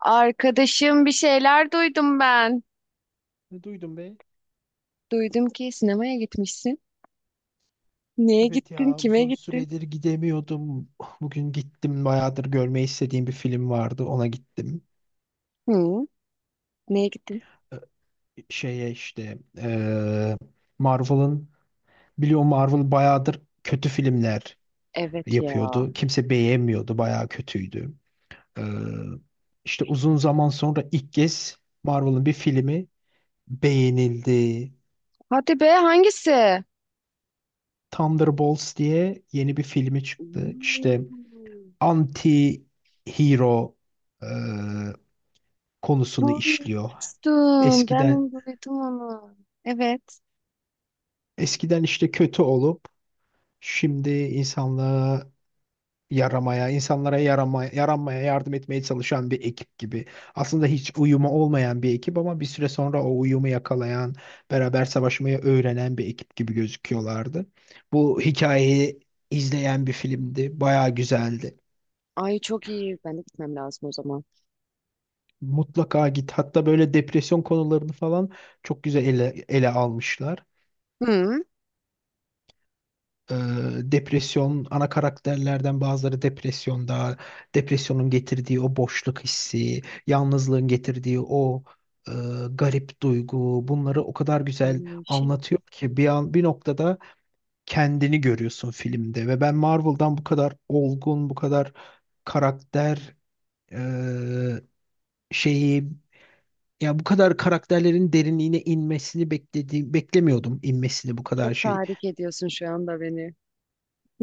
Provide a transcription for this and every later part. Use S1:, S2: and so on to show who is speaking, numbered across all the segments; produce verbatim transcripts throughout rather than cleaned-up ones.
S1: Arkadaşım bir şeyler duydum ben.
S2: Ne duydum be?
S1: Duydum ki sinemaya gitmişsin. Neye
S2: Evet
S1: gittin?
S2: ya,
S1: Kime
S2: uzun
S1: gittin?
S2: süredir gidemiyordum. Bugün gittim, bayağıdır görmeyi istediğim bir film vardı, ona gittim.
S1: Hı? Neye gittin?
S2: Ee, Şeye işte, ee, Marvel'ın, biliyor musun, Marvel bayağıdır kötü filmler
S1: Evet ya.
S2: yapıyordu. Kimse beğenmiyordu, bayağı kötüydü. Ee, işte uzun zaman sonra ilk kez Marvel'ın bir filmi beğenildi.
S1: Hadi be hangisi?
S2: Thunderbolts diye yeni bir filmi çıktı. İşte
S1: Hmm.
S2: anti hero konusunu işliyor.
S1: Duymuştum. Ben
S2: Eskiden
S1: onu duydum onu. Evet.
S2: eskiden işte kötü olup şimdi insanlığa yaramaya, insanlara yarama, yaranmaya yardım etmeye çalışan bir ekip gibi. Aslında hiç uyumu olmayan bir ekip ama bir süre sonra o uyumu yakalayan, beraber savaşmayı öğrenen bir ekip gibi gözüküyorlardı. Bu hikayeyi izleyen bir filmdi. Bayağı güzeldi.
S1: Ay çok iyi. Ben de gitmem lazım o zaman.
S2: Mutlaka git. Hatta böyle depresyon konularını falan çok güzel ele, ele almışlar.
S1: Hı?
S2: Ee, Depresyon, ana karakterlerden bazıları depresyonda, depresyonun getirdiği o boşluk hissi, yalnızlığın getirdiği o e, garip duygu, bunları o kadar güzel
S1: Hmm, Şey,
S2: anlatıyor ki bir an bir noktada kendini görüyorsun filmde. Ve ben Marvel'dan bu kadar olgun, bu kadar karakter, e, şeyi, ya bu kadar karakterlerin derinliğine inmesini beklediğim beklemiyordum, inmesini bu kadar
S1: çok
S2: şey.
S1: tahrik ediyorsun şu anda beni.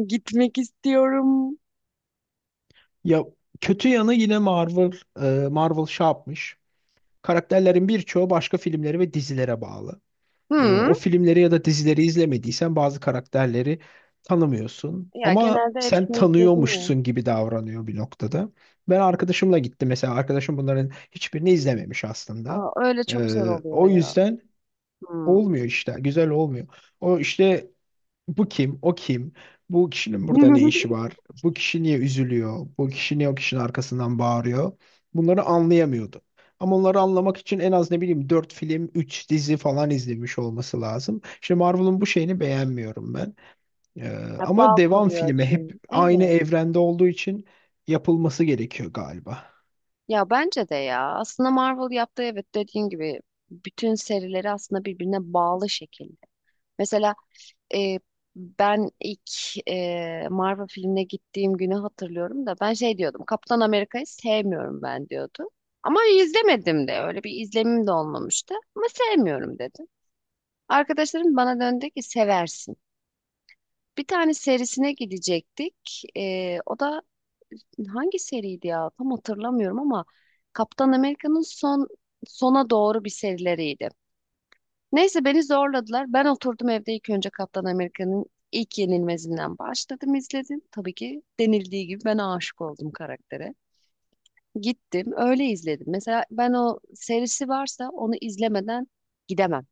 S1: Gitmek istiyorum.
S2: Ya kötü yanı yine Marvel, e, Marvel şey yapmış. Karakterlerin birçoğu başka filmleri ve dizilere bağlı. E,
S1: Hı?
S2: O filmleri ya da dizileri izlemediysen bazı karakterleri tanımıyorsun.
S1: Ya
S2: Ama
S1: genelde
S2: sen
S1: hepsini izledim ya.
S2: tanıyormuşsun gibi davranıyor bir noktada. Ben arkadaşımla gittim mesela. Arkadaşım bunların hiçbirini izlememiş aslında.
S1: Aa, öyle
S2: E,
S1: çok zor oluyor
S2: O
S1: ya.
S2: yüzden
S1: Hı.
S2: olmuyor işte. Güzel olmuyor. O işte, bu kim? O kim? Bu kişinin burada ne işi var? Bu kişi niye üzülüyor? Bu kişi niye o kişinin arkasından bağırıyor? Bunları anlayamıyordu. Ama onları anlamak için en az, ne bileyim, dört film, üç dizi falan izlemiş olması lazım. Şimdi Marvel'ın bu şeyini beğenmiyorum ben. Ee,
S1: Ya
S2: Ama
S1: bağ
S2: devam
S1: kuruyor
S2: filmi hep
S1: çünkü.
S2: aynı
S1: Evet.
S2: evrende olduğu için yapılması gerekiyor galiba.
S1: Ya bence de ya. Aslında Marvel yaptığı, evet, dediğin gibi bütün serileri aslında birbirine bağlı şekilde. Mesela e, ben ilk e, Marvel filmine gittiğim günü hatırlıyorum da ben şey diyordum. Kaptan Amerika'yı sevmiyorum ben diyordum. Ama izlemedim de, öyle bir izlemim de olmamıştı. Ama sevmiyorum dedim. Arkadaşlarım bana döndü ki seversin. Bir tane serisine gidecektik. E, o da hangi seriydi ya? Tam hatırlamıyorum ama Kaptan Amerika'nın son sona doğru bir serileriydi. Neyse, beni zorladılar. Ben oturdum evde, ilk önce Kaptan Amerika'nın ilk yenilmezinden başladım izledim. Tabii ki denildiği gibi ben aşık oldum karaktere. Gittim öyle izledim. Mesela ben, o serisi varsa onu izlemeden gidemem.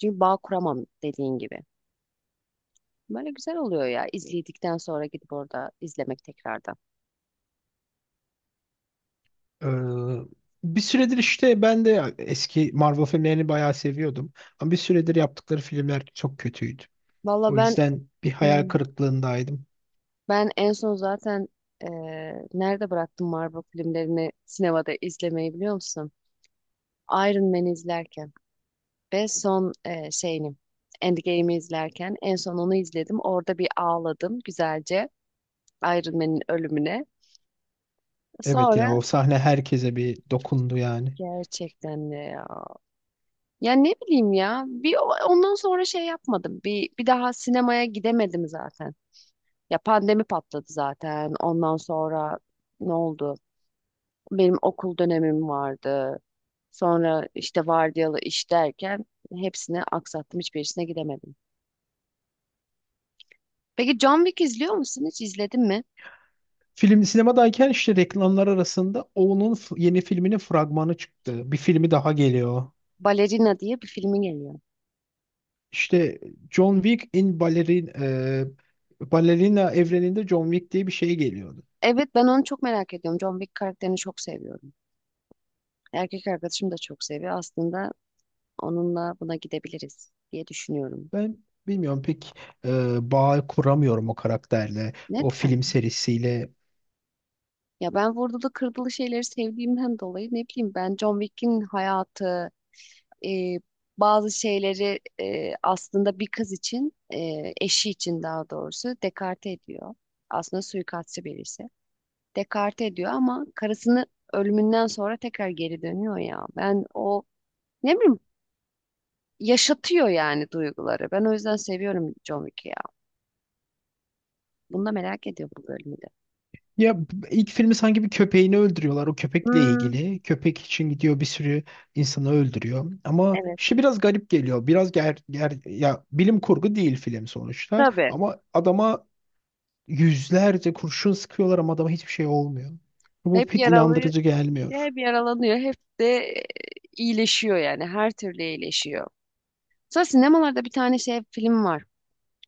S1: Çünkü bağ kuramam dediğin gibi. Böyle güzel oluyor ya, izledikten sonra gidip orada izlemek tekrardan.
S2: Ee, Bir süredir işte ben de eski Marvel filmlerini bayağı seviyordum. Ama bir süredir yaptıkları filmler çok kötüydü.
S1: Valla
S2: O
S1: ben,
S2: yüzden bir hayal
S1: hmm,
S2: kırıklığındaydım.
S1: ben en son zaten eee, nerede bıraktım Marvel filmlerini sinemada izlemeyi biliyor musun? Iron Man'i izlerken ve son eee şeyini, Endgame'i izlerken en son onu izledim. Orada bir ağladım güzelce, Iron Man'in ölümüne.
S2: Evet
S1: Sonra
S2: ya, o sahne herkese bir dokundu yani.
S1: gerçekten de ya. Ya ne bileyim ya. Bir o- ondan sonra şey yapmadım. Bir bir daha sinemaya gidemedim zaten. Ya pandemi patladı zaten. Ondan sonra ne oldu? Benim okul dönemim vardı. Sonra işte vardiyalı iş derken hepsini aksattım. Hiçbirisine gidemedim. Peki John Wick izliyor musun? Hiç izledin mi?
S2: Film sinemadayken işte reklamlar arasında onun f- yeni filminin fragmanı çıktı. Bir filmi daha geliyor.
S1: Balerina diye bir filmi geliyor.
S2: İşte John Wick in Ballerin, e, Ballerina evreninde John Wick diye bir şey geliyordu.
S1: Evet, ben onu çok merak ediyorum. John Wick karakterini çok seviyorum. Erkek arkadaşım da çok seviyor. Aslında onunla buna gidebiliriz diye düşünüyorum.
S2: Ben bilmiyorum pek, e, bağ kuramıyorum o karakterle, o film
S1: Neden?
S2: serisiyle.
S1: Ya ben vurdulu kırdılı şeyleri sevdiğimden dolayı, ne bileyim, ben John Wick'in hayatı, e, bazı şeyleri, e, aslında bir kız için, e, eşi için daha doğrusu dekarte ediyor. Aslında suikastçı birisi. Dekarte ediyor ama karısını ölümünden sonra tekrar geri dönüyor ya. Ben o, ne bileyim, yaşatıyor yani duyguları. Ben o yüzden seviyorum John Wick'i ya. Bunu da merak ediyor bu bölümü de.
S2: Ya b- ilk filmi sanki bir köpeğini öldürüyorlar. O köpekle
S1: Hmm,
S2: ilgili. Köpek için gidiyor, bir sürü insanı öldürüyor. Ama
S1: evet,
S2: işte biraz garip geliyor. Biraz ger, ger ya, bilim kurgu değil film sonuçta.
S1: tabii.
S2: Ama adama yüzlerce kurşun sıkıyorlar ama adama hiçbir şey olmuyor. Bu
S1: Hep
S2: pek
S1: yaralı,
S2: inandırıcı
S1: işte
S2: gelmiyor.
S1: hep yaralanıyor, hep de e, iyileşiyor yani her türlü iyileşiyor. Sonra sinemalarda bir tane şey film var.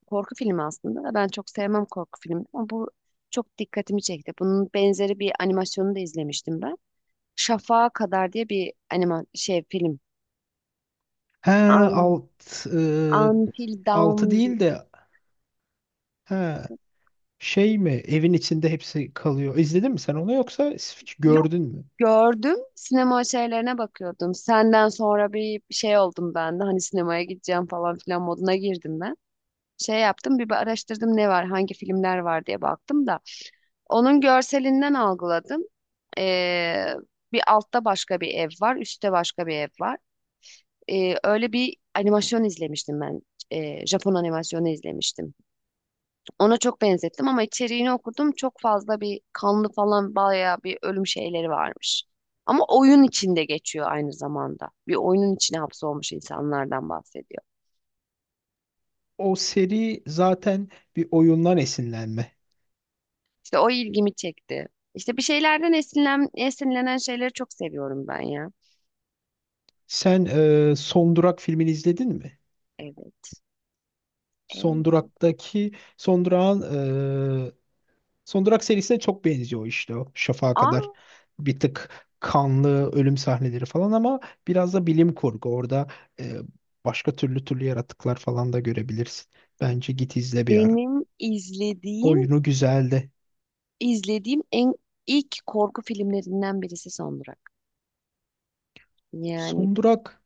S1: Korku filmi aslında. Ben çok sevmem korku filmi ama bu çok dikkatimi çekti. Bunun benzeri bir animasyonu da izlemiştim ben. Şafağa Kadar diye bir anima şey film.
S2: He,
S1: Un-
S2: alt e,
S1: Until
S2: altı
S1: Dawn di-
S2: değil de, he, şey mi, evin içinde hepsi kalıyor. İzledin mi sen onu yoksa s-
S1: yok,
S2: gördün mü?
S1: gördüm. Sinema şeylerine bakıyordum. Senden sonra bir şey oldum ben de, hani sinemaya gideceğim falan filan moduna girdim ben. Şey yaptım, bir araştırdım ne var, hangi filmler var diye baktım da onun görselinden algıladım. Ee, Bir altta başka bir ev var, üstte başka bir ev var. Ee, öyle bir animasyon izlemiştim ben. Ee, Japon animasyonu izlemiştim. Ona çok benzettim ama içeriğini okudum. Çok fazla bir kanlı falan, bayağı bir ölüm şeyleri varmış. Ama oyun içinde geçiyor aynı zamanda. Bir oyunun içine hapsolmuş insanlardan bahsediyor.
S2: O seri zaten bir oyundan esinlenme.
S1: İşte o ilgimi çekti. İşte bir şeylerden esinlen, esinlenen şeyleri çok seviyorum ben ya.
S2: Sen, e, Son Durak filmini izledin mi?
S1: Evet.
S2: Son
S1: Evet.
S2: Durak'taki Son Durak'ın e, Son Durak serisine çok benziyor işte, o Şafak'a
S1: Aa,
S2: kadar. Bir tık kanlı ölüm sahneleri falan, ama biraz da bilim kurgu. Orada, e, başka türlü türlü yaratıklar falan da görebilirsin. Bence git izle bir ara.
S1: benim izlediğim
S2: Oyunu güzeldi.
S1: izlediğim en ilk korku filmlerinden birisi Son Durak. Yani
S2: Son Durak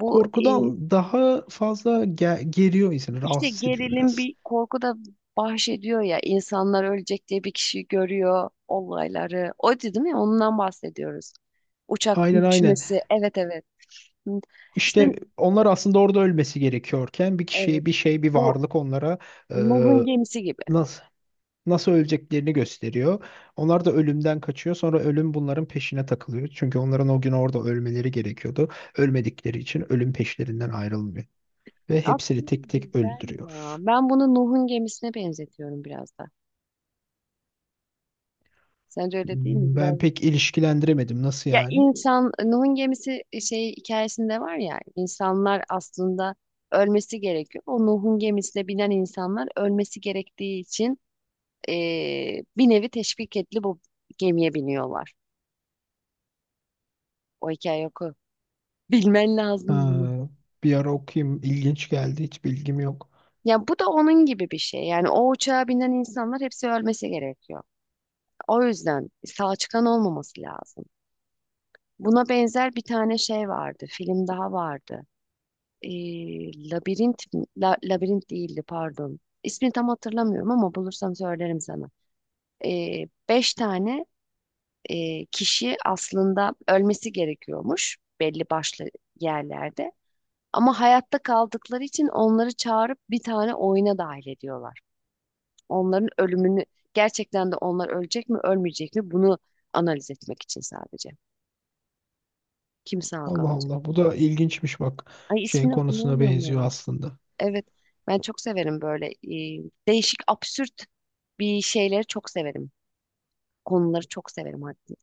S1: bu, e,
S2: korkudan daha fazla ge- geriyor insanı,
S1: işte
S2: rahatsız ediyor
S1: gerilim
S2: biraz.
S1: bir korku da bahsediyor ya, insanlar ölecek diye bir kişi görüyor olayları. O değil mi? Ondan bahsediyoruz. Uçakın
S2: Aynen aynen.
S1: düşmesi. Evet, evet. Hı. İşte
S2: İşte onlar aslında orada ölmesi gerekiyorken bir
S1: evet,
S2: kişi, bir şey, bir
S1: bu
S2: varlık onlara, e,
S1: Nuh'un gemisi gibi.
S2: nasıl nasıl öleceklerini gösteriyor. Onlar da ölümden kaçıyor. Sonra ölüm bunların peşine takılıyor. Çünkü onların o gün orada ölmeleri gerekiyordu. Ölmedikleri için ölüm peşlerinden ayrılmıyor ve hepsini
S1: Aslında
S2: tek tek
S1: güzel ya.
S2: öldürüyor.
S1: Ben bunu Nuh'un gemisine benzetiyorum biraz da. Sence öyle değil mi?
S2: Hmm.
S1: Biraz
S2: Ben pek ilişkilendiremedim. Nasıl
S1: ya,
S2: yani?
S1: insan Nuh'un gemisi, e, şey, hikayesinde var ya, insanlar aslında ölmesi gerekiyor. O Nuh'un gemisine binen insanlar ölmesi gerektiği için eee, bir nevi teşvik etli bu gemiye biniyorlar. O hikaye oku. Bilmen lazım bunu.
S2: Ha, bir ara okuyayım. İlginç geldi. Hiç bilgim yok.
S1: Ya bu da onun gibi bir şey. Yani o uçağa binen insanlar hepsi ölmesi gerekiyor. O yüzden sağ çıkan olmaması lazım. Buna benzer bir tane şey vardı. Film daha vardı. Ee, Labirent, mi- La- Labirent değildi, pardon. İsmini tam hatırlamıyorum ama bulursam söylerim sana. Ee, beş tane e, kişi aslında ölmesi gerekiyormuş belli başlı yerlerde. Ama hayatta kaldıkları için onları çağırıp bir tane oyuna dahil ediyorlar. Onların ölümünü, gerçekten de onlar ölecek mi ölmeyecek mi bunu analiz etmek için sadece. Kim sağ
S2: Allah
S1: kalacak?
S2: Allah. Bu da ilginçmiş bak.
S1: Ay,
S2: Şeyin
S1: ismini
S2: konusuna
S1: hatırlamıyorum
S2: benziyor
S1: ya.
S2: aslında.
S1: Evet, ben çok severim böyle e, değişik, absürt bir şeyleri çok severim. Konuları çok severim hatta.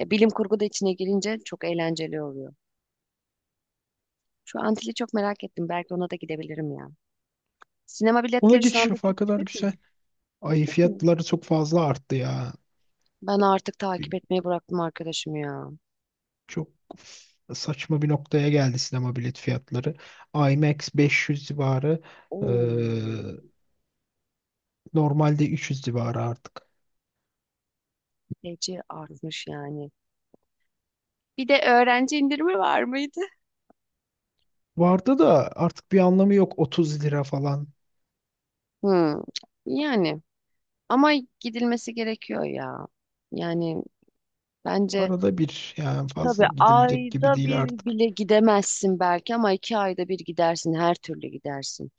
S1: E, bilim kurgu da içine girince çok eğlenceli oluyor. Şu Antil'i çok merak ettim. Belki ona da gidebilirim ya. Sinema
S2: Ona
S1: biletleri şu
S2: geçiş
S1: anda
S2: yapağı
S1: çok
S2: kadar
S1: yüksek mi?
S2: güzel. Ay,
S1: Yüksek mi?
S2: fiyatları çok fazla arttı ya.
S1: Ben artık
S2: Bir-
S1: takip etmeyi bıraktım arkadaşım ya.
S2: çok f- Saçma bir noktaya geldi sinema bilet fiyatları. IMAX beş yüz civarı,
S1: Oo,
S2: eee, normalde üç yüz civarı artık.
S1: feci artmış yani. Bir de öğrenci indirimi var mıydı?
S2: Vardı da artık bir anlamı yok, otuz lira falan.
S1: Hmm, yani, ama gidilmesi gerekiyor ya. Yani bence,
S2: Arada bir, yani
S1: tabii
S2: fazla gidilecek gibi
S1: ayda
S2: değil
S1: bir
S2: artık.
S1: bile gidemezsin belki ama iki ayda bir gidersin, her türlü gidersin.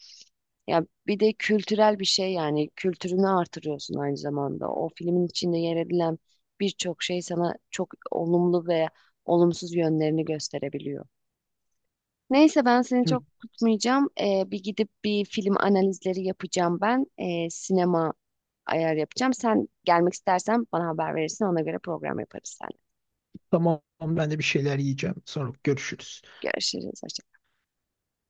S1: Ya bir de kültürel bir şey yani, kültürünü artırıyorsun aynı zamanda. O filmin içinde yer edilen birçok şey sana çok olumlu veya olumsuz yönlerini gösterebiliyor. Neyse, ben seni
S2: Evet,
S1: çok tutmayacağım. Ee, bir gidip bir film analizleri yapacağım ben. Ee, sinema ayar yapacağım. Sen gelmek istersen bana haber verirsin. Ona göre program yaparız seninle.
S2: tamam, ben de bir şeyler yiyeceğim. Sonra görüşürüz.
S1: Görüşürüz.